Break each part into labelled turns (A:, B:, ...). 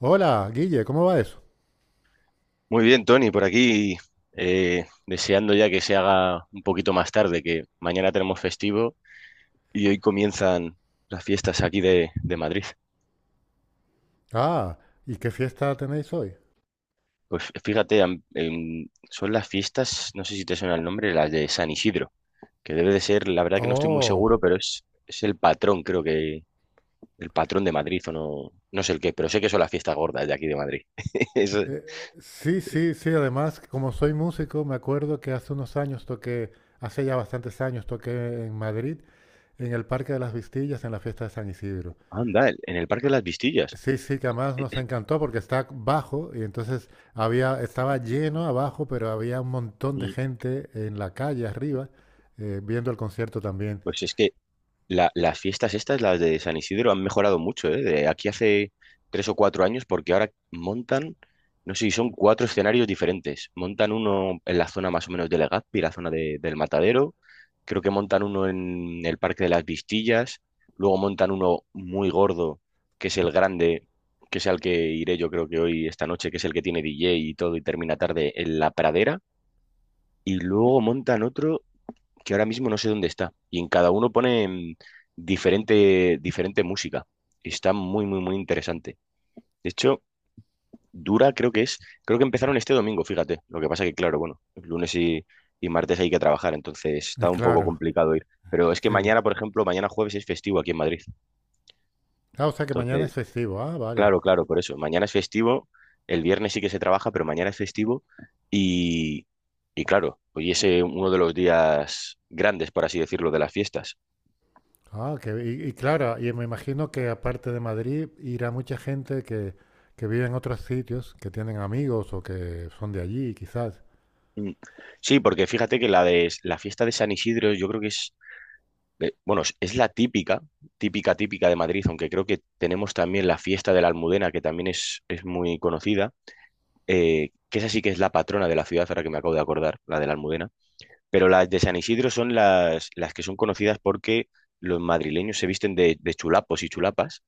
A: Hola, Guille, ¿cómo va eso?
B: Muy bien, Tony, por aquí deseando ya que se haga un poquito más tarde, que mañana tenemos festivo y hoy comienzan las fiestas aquí de Madrid.
A: Ah, ¿y qué fiesta tenéis hoy?
B: Pues fíjate, son las fiestas, no sé si te suena el nombre, las de San Isidro, que debe de ser, la verdad que no estoy muy
A: Oh,
B: seguro, pero es el patrón, creo que el patrón de Madrid o no, no sé el qué, pero sé que son las fiestas gordas de aquí de Madrid. Es-
A: eh, sí, sí, sí, además, como soy músico, me acuerdo que hace unos años hace ya bastantes años toqué en Madrid, en el Parque de las Vistillas, en la fiesta de San Isidro.
B: anda, en el Parque de las Vistillas.
A: Sí, sí, que además nos encantó porque está bajo y entonces estaba lleno abajo, pero había un montón de
B: Y,
A: gente en la calle arriba, viendo el concierto también.
B: Pues es que las fiestas estas, las de San Isidro, han mejorado mucho, ¿eh? De aquí hace 3 o 4 años, porque ahora montan, no sé si son cuatro escenarios diferentes. Montan uno en la zona más o menos de Legazpi, la zona del Matadero. Creo que montan uno en el Parque de las Vistillas. Luego montan uno muy gordo, que es el grande, que es al que iré yo creo que hoy, esta noche, que es el que tiene DJ y todo y termina tarde en La Pradera. Y luego montan otro que ahora mismo no sé dónde está. Y en cada uno ponen diferente, diferente música. Está muy, muy, muy interesante. De hecho, dura, creo que empezaron este domingo, fíjate. Lo que pasa que, claro, bueno, lunes y martes hay que trabajar, entonces
A: Y
B: está un poco
A: claro,
B: complicado ir. Pero es que
A: sí.
B: mañana, por ejemplo, mañana jueves es festivo aquí en Madrid.
A: Ah, o sea que mañana
B: Entonces,
A: es festivo. Ah, vale.
B: claro, claro, por eso. Mañana es festivo, el viernes sí que se trabaja, pero mañana es festivo y... Y claro, hoy es uno de los días grandes, por así decirlo, de las fiestas.
A: Ah, y claro, y me imagino que aparte de Madrid irá mucha gente que vive en otros sitios, que tienen amigos o que son de allí, quizás.
B: Mm. Sí, porque fíjate que la de la fiesta de San Isidro, yo creo que es, bueno, es la típica, típica, típica de Madrid, aunque creo que tenemos también la fiesta de la Almudena, que también es muy conocida, que esa sí que es la patrona de la ciudad, ahora que me acabo de acordar, la de la Almudena. Pero las de San Isidro son las que son conocidas porque los madrileños se visten de chulapos y chulapas,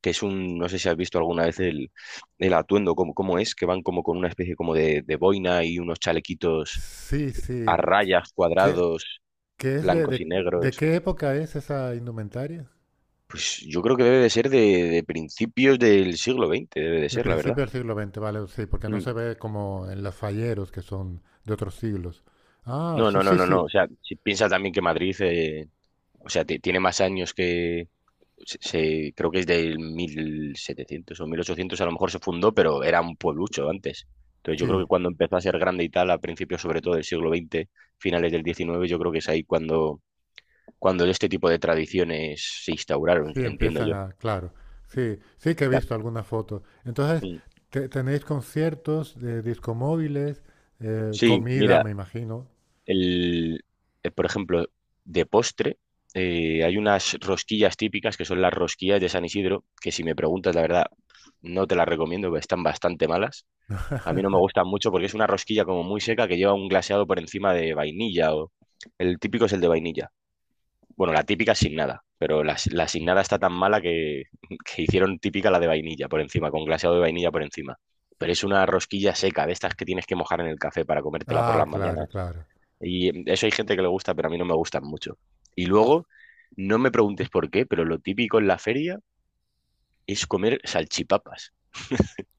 B: que es un, no sé si has visto alguna vez el atuendo, cómo es, que van como con una especie como de boina y unos chalequitos
A: Sí,
B: a
A: sí.
B: rayas,
A: ¿Qué,
B: cuadrados,
A: qué es
B: blancos y
A: de
B: negros.
A: qué época es esa indumentaria?
B: Pues yo creo que debe de ser de principios del siglo XX, debe de
A: De
B: ser, la verdad.
A: principio del siglo XX, vale, sí, porque no
B: Mm.
A: se ve como en los falleros que son de otros siglos. Ah,
B: No,
A: sí,
B: no, no,
A: sí,
B: no, no.
A: sí,
B: O sea, si piensa también que Madrid, o sea, tiene más años. Creo que es del 1700 o 1800 a lo mejor se fundó, pero era un pueblucho antes. Entonces yo creo
A: sí.
B: que cuando empezó a ser grande y tal, a principios sobre todo del siglo XX, finales del XIX, yo creo que es ahí cuando, cuando este tipo de tradiciones se instauraron,
A: Sí,
B: entiendo yo.
A: claro. Sí, sí que he
B: Ta-
A: visto algunas fotos. Entonces,
B: mm.
A: tenéis conciertos de discomóviles,
B: Sí,
A: comida,
B: mira,
A: me imagino.
B: El, por ejemplo, de postre, hay unas rosquillas típicas que son las rosquillas de San Isidro, que si me preguntas, la verdad, no te las recomiendo, porque están bastante malas. A mí no me gustan mucho porque es una rosquilla como muy seca que lleva un glaseado por encima de vainilla. El típico es el de vainilla. Bueno, la típica es sin nada, pero la sin nada está tan mala que, que hicieron típica la de vainilla por encima, con glaseado de vainilla por encima. Pero es una rosquilla seca, de estas que tienes que mojar en el café para comértela por
A: Ah,
B: las
A: claro,
B: mañanas
A: claro.
B: y eso hay gente que le gusta, pero a mí no me gustan mucho. Y luego, no me preguntes por qué, pero lo típico en la feria es comer salchipapas,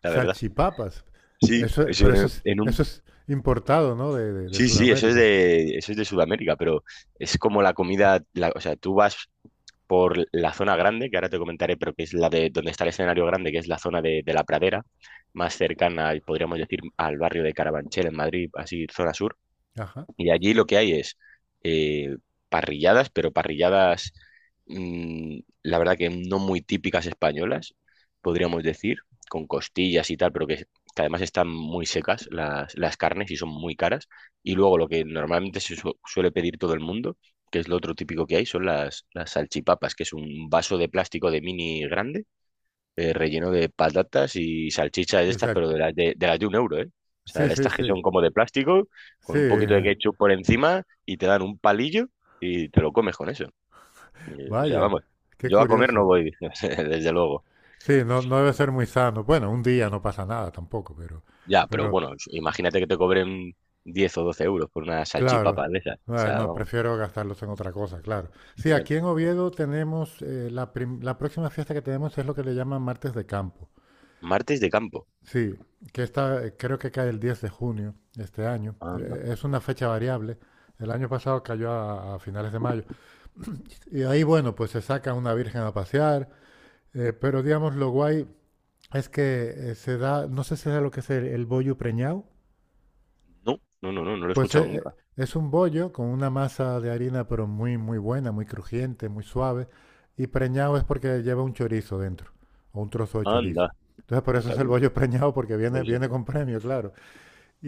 B: la verdad.
A: Salchipapas.
B: Sí,
A: Eso,
B: eso.
A: pero eso es importado, ¿no? De
B: Sí, sí, eso es
A: Sudamérica.
B: de, eso es de Sudamérica, pero es como la comida, o sea, tú vas por la zona grande, que ahora te comentaré, pero que es la de donde está el escenario grande, que es la zona de la Pradera, más cercana, podríamos decir, al barrio de Carabanchel en Madrid, así, zona sur.
A: Ajá.
B: Y allí lo que hay es eh, parrilladas, pero parrilladas, la verdad que no muy típicas españolas, podríamos decir, con costillas y tal, pero que además están muy secas las carnes y son muy caras. Y luego lo que normalmente se suele pedir todo el mundo, que es lo otro típico que hay, son las salchipapas, que es un vaso de plástico de mini grande relleno de patatas y salchichas de estas,
A: Exacto.
B: pero de las de las de 1 euro, ¿eh? O sea,
A: Sí,
B: de
A: sí,
B: estas que
A: sí.
B: son como de plástico, con un poquito de
A: Sí,
B: ketchup por encima y te dan un palillo y te lo comes con eso. O sea,
A: vaya,
B: vamos,
A: qué
B: yo a comer no
A: curioso.
B: voy, desde luego.
A: Sí, no, no debe ser muy sano. Bueno, un día no pasa nada tampoco, pero,
B: Ya, pero
A: pero,
B: bueno, imagínate que te cobren 10 o 12 euros por una
A: Claro,
B: salchipapa de esas. O
A: Ah,
B: sea,
A: no,
B: vamos.
A: prefiero gastarlos en otra cosa, claro. Sí,
B: Fíjate.
A: aquí en Oviedo tenemos, la, la próxima fiesta que tenemos es lo que le llaman Martes de Campo.
B: Martes de campo.
A: Sí, que esta creo que cae el 10 de junio de este año.
B: Anda.
A: Es una fecha variable. El año pasado cayó a finales de mayo. Y ahí, bueno, pues se saca una virgen a pasear, pero digamos, lo guay es que se da, no sé si es lo que es el bollo preñado.
B: No, no, no, no, no lo he
A: Pues
B: escuchado nunca.
A: es un bollo con una masa de harina, pero muy, muy buena, muy crujiente, muy suave. Y preñado es porque lleva un chorizo dentro, o un trozo de chorizo.
B: Anda.
A: Entonces, por eso es
B: Puta,
A: el bollo preñado, porque
B: Pues eso
A: viene con premio, claro.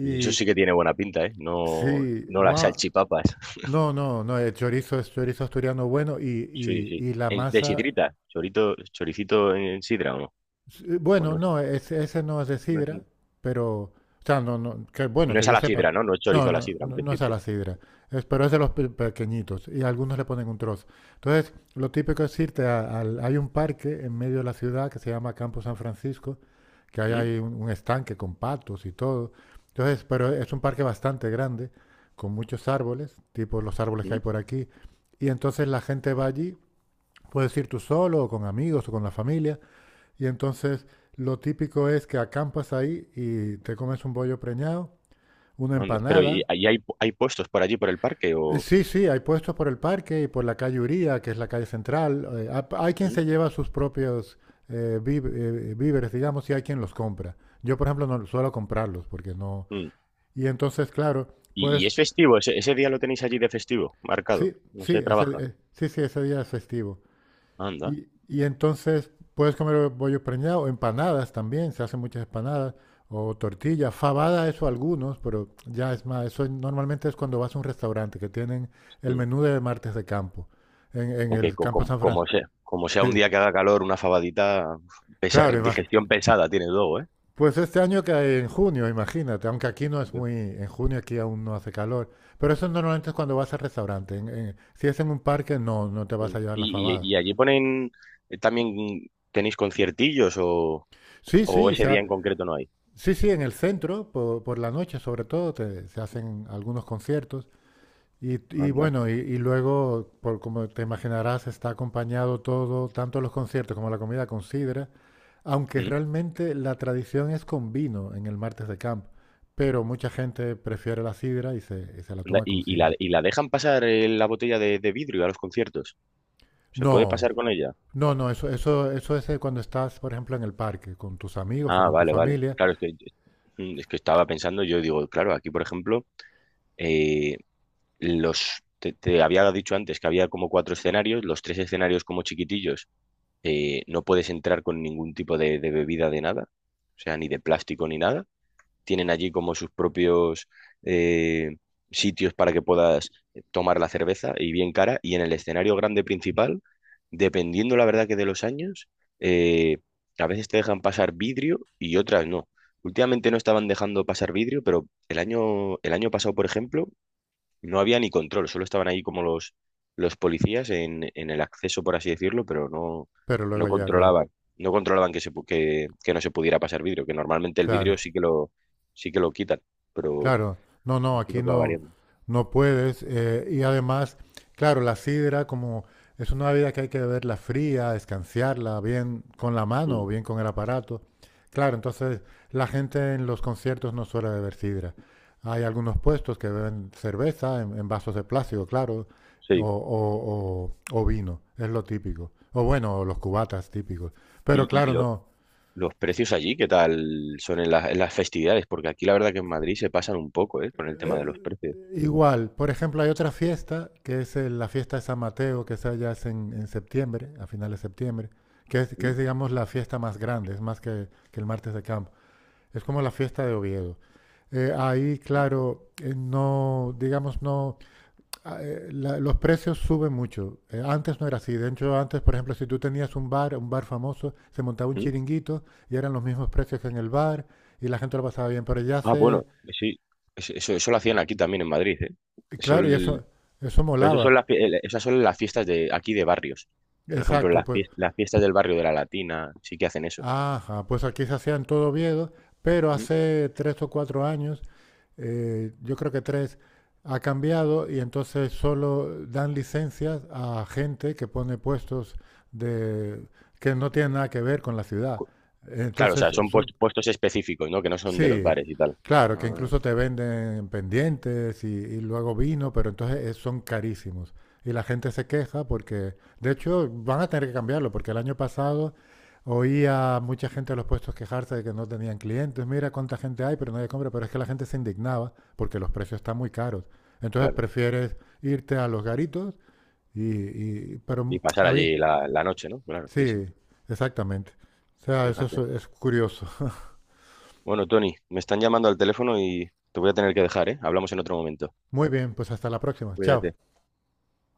B: pues eso sí que tiene buena pinta, ¿eh? No,
A: sí,
B: no las
A: wow.
B: salchipapas.
A: No, no, no, el chorizo es chorizo asturiano bueno
B: Sí, sí.
A: y la
B: De
A: masa.
B: sidrita, chorito, choricito en sidra, ¿o no?
A: Sí,
B: O
A: bueno,
B: no,
A: no, ese no es de
B: no es-
A: sidra, pero, o sea, no, no, que bueno,
B: no
A: que
B: es a
A: yo
B: la
A: sepa.
B: sidra, ¿no? No es
A: No,
B: chorizo a la
A: no,
B: sidra, en
A: no, no es a
B: principio.
A: la sidra, es, pero es de los pequeñitos y algunos le ponen un trozo. Entonces, lo típico es al, hay un parque en medio de la ciudad que se llama Campo San Francisco, que ahí
B: ¿Mm?
A: hay un estanque con patos y todo. Entonces, pero es un parque bastante grande, con muchos árboles, tipo los árboles que hay
B: ¿Mm?
A: por aquí. Y entonces la gente va allí, puedes ir tú solo o con amigos o con la familia. Y entonces lo típico es que acampas ahí y te comes un bollo preñado, una
B: Anda. Pero ¿y,
A: empanada.
B: ahí hay puestos por allí, por el parque? O
A: Sí, sí, hay puestos por el parque y por la calle Uría, que es la calle central. Hay quien
B: ¿Mm?
A: se lleva sus propios víveres, digamos, y hay quien los compra. Yo, por ejemplo, no suelo comprarlos porque no...
B: ¿Mm?
A: Y entonces, claro,
B: ¿Y
A: pues
B: es festivo? ¿Ese día lo tenéis allí de festivo, marcado? No se trabaja.
A: sí, sí, ese día es festivo.
B: Anda.
A: Y entonces puedes comer bollos preñados, empanadas también, se hacen muchas empanadas, o tortillas, fabada, eso algunos, pero ya es más, eso normalmente es cuando vas a un restaurante que tienen el
B: ¿Mm?
A: menú de martes de campo, en
B: Aunque
A: el
B: co-
A: campo
B: como,
A: San
B: como
A: Francisco.
B: sea, como sea un
A: Sí,
B: día que haga calor, una fabadita, uf,
A: claro,
B: digestión pesada tiene luego, ¿eh?
A: pues este año que en junio, imagínate, aunque aquí no es muy, en junio aquí aún no hace calor, pero eso normalmente es cuando vas al restaurante, si es en un parque no, no te vas
B: ¿Mm?
A: a llevar la
B: ¿Y, y,
A: fabada.
B: y allí ponen también, tenéis conciertillos?
A: Sí,
B: O
A: sí,
B: ese día en concreto no hay.
A: sí, sí, en el centro, la noche sobre todo, se hacen algunos conciertos. Y, y
B: Anda.
A: bueno, y luego, por como te imaginarás, está acompañado todo, tanto los conciertos como la comida con sidra, aunque
B: Mm.
A: realmente la tradición es con vino en el martes de camp, pero mucha gente prefiere la sidra y se la
B: Anda,
A: toma con
B: ¿Y, y la,
A: sidra.
B: y la dejan pasar la botella de vidrio a los conciertos? ¿Se puede
A: No,
B: pasar con ella?
A: no, no, eso es cuando estás, por ejemplo, en el parque con tus amigos o
B: Ah,
A: con tu
B: vale, vale.
A: familia,
B: Claro, es que, es que estaba pensando, yo digo, claro, aquí, por ejemplo, eh, te había dicho antes que había como cuatro escenarios, los tres escenarios como chiquitillos, no puedes entrar con ningún tipo de bebida de nada, o sea, ni de plástico ni nada. Tienen allí como sus propios eh, sitios para que puedas tomar la cerveza y bien cara. Y en el escenario grande principal, dependiendo la verdad que de los años, eh, a veces te dejan pasar vidrio y otras no. Últimamente no estaban dejando pasar vidrio, pero el año pasado, por ejemplo, no había ni control, solo estaban ahí como los policías en el acceso, por así decirlo, pero
A: pero luego
B: no
A: ya, claro,
B: controlaban, no controlaban que no se pudiera pasar vidrio, que normalmente el vidrio
A: claro.
B: sí que lo quitan, pero
A: Claro, no, no, aquí
B: entiendo que va
A: no,
B: variando.
A: no puedes. Eh, y además, claro, la sidra como es una bebida que hay que beberla fría, escanciarla bien con la mano o
B: Mm,
A: bien con el aparato. Claro, entonces la gente en los conciertos no suele beber sidra. Hay algunos puestos que beben cerveza en vasos de plástico, claro,
B: sí.
A: o vino, es lo típico. O bueno, los cubatas típicos. Pero
B: Y, y
A: claro,
B: lo-
A: no.
B: los precios allí, ¿qué tal son en las festividades? Porque aquí la verdad que en Madrid se pasan un poco, ¿eh? Con el tema de
A: eh,
B: los precios.
A: Igual, por ejemplo, hay otra fiesta, que es la fiesta de San Mateo, que esa ya es en septiembre, a finales de septiembre, que
B: ¿Mm?
A: es, digamos, la fiesta más grande, es más que el martes de campo. Es como la fiesta de Oviedo. Ahí,
B: ¿Mm?
A: claro, no, digamos, no, los precios suben mucho. Antes no era así. De hecho, antes, por ejemplo, si tú tenías un bar famoso, se montaba un
B: ¿Mm?
A: chiringuito y eran los mismos precios que en el bar y la gente lo pasaba bien. Pero ya
B: Ah, bueno,
A: se,
B: sí. Eso lo hacían aquí también en Madrid, ¿eh? Eso
A: claro, y eso
B: Pero eso
A: molaba.
B: son las, esas son las fiestas de aquí de barrios. Por ejemplo,
A: Exacto,
B: las,
A: pues
B: fies- las fiestas del barrio de la Latina sí que hacen eso.
A: ajá, pues aquí se hacían todo Oviedo, pero
B: ¿Mm?
A: hace 3 o 4 años, yo creo que tres, ha cambiado y entonces solo dan licencias a gente que pone puestos de, que no tienen nada que ver con la ciudad.
B: Cu- Claro, o sea,
A: Entonces,
B: son
A: son-
B: puestos específicos, ¿no? Que no son de los
A: Sí,
B: bares y tal.
A: claro, que
B: Ah,
A: incluso te venden pendientes y luego vino, pero entonces son carísimos. Y la gente se queja porque, de hecho, van a tener que cambiarlo, porque el año pasado oía a mucha gente de los puestos quejarse de que no tenían clientes. Mira cuánta gente hay, pero nadie compra. Pero es que la gente se indignaba porque los precios están muy caros. Entonces
B: claro.
A: prefieres irte a los garitos y, pero
B: Y pasar allí la noche, ¿no? Claro, sí, sí.
A: sí, exactamente. O sea, eso
B: Fíjate.
A: es curioso.
B: Bueno, Tony, me están llamando al teléfono y te voy a tener que dejar, ¿eh? Hablamos en otro momento.
A: Muy bien, pues hasta la próxima. Chao.
B: Cuídate.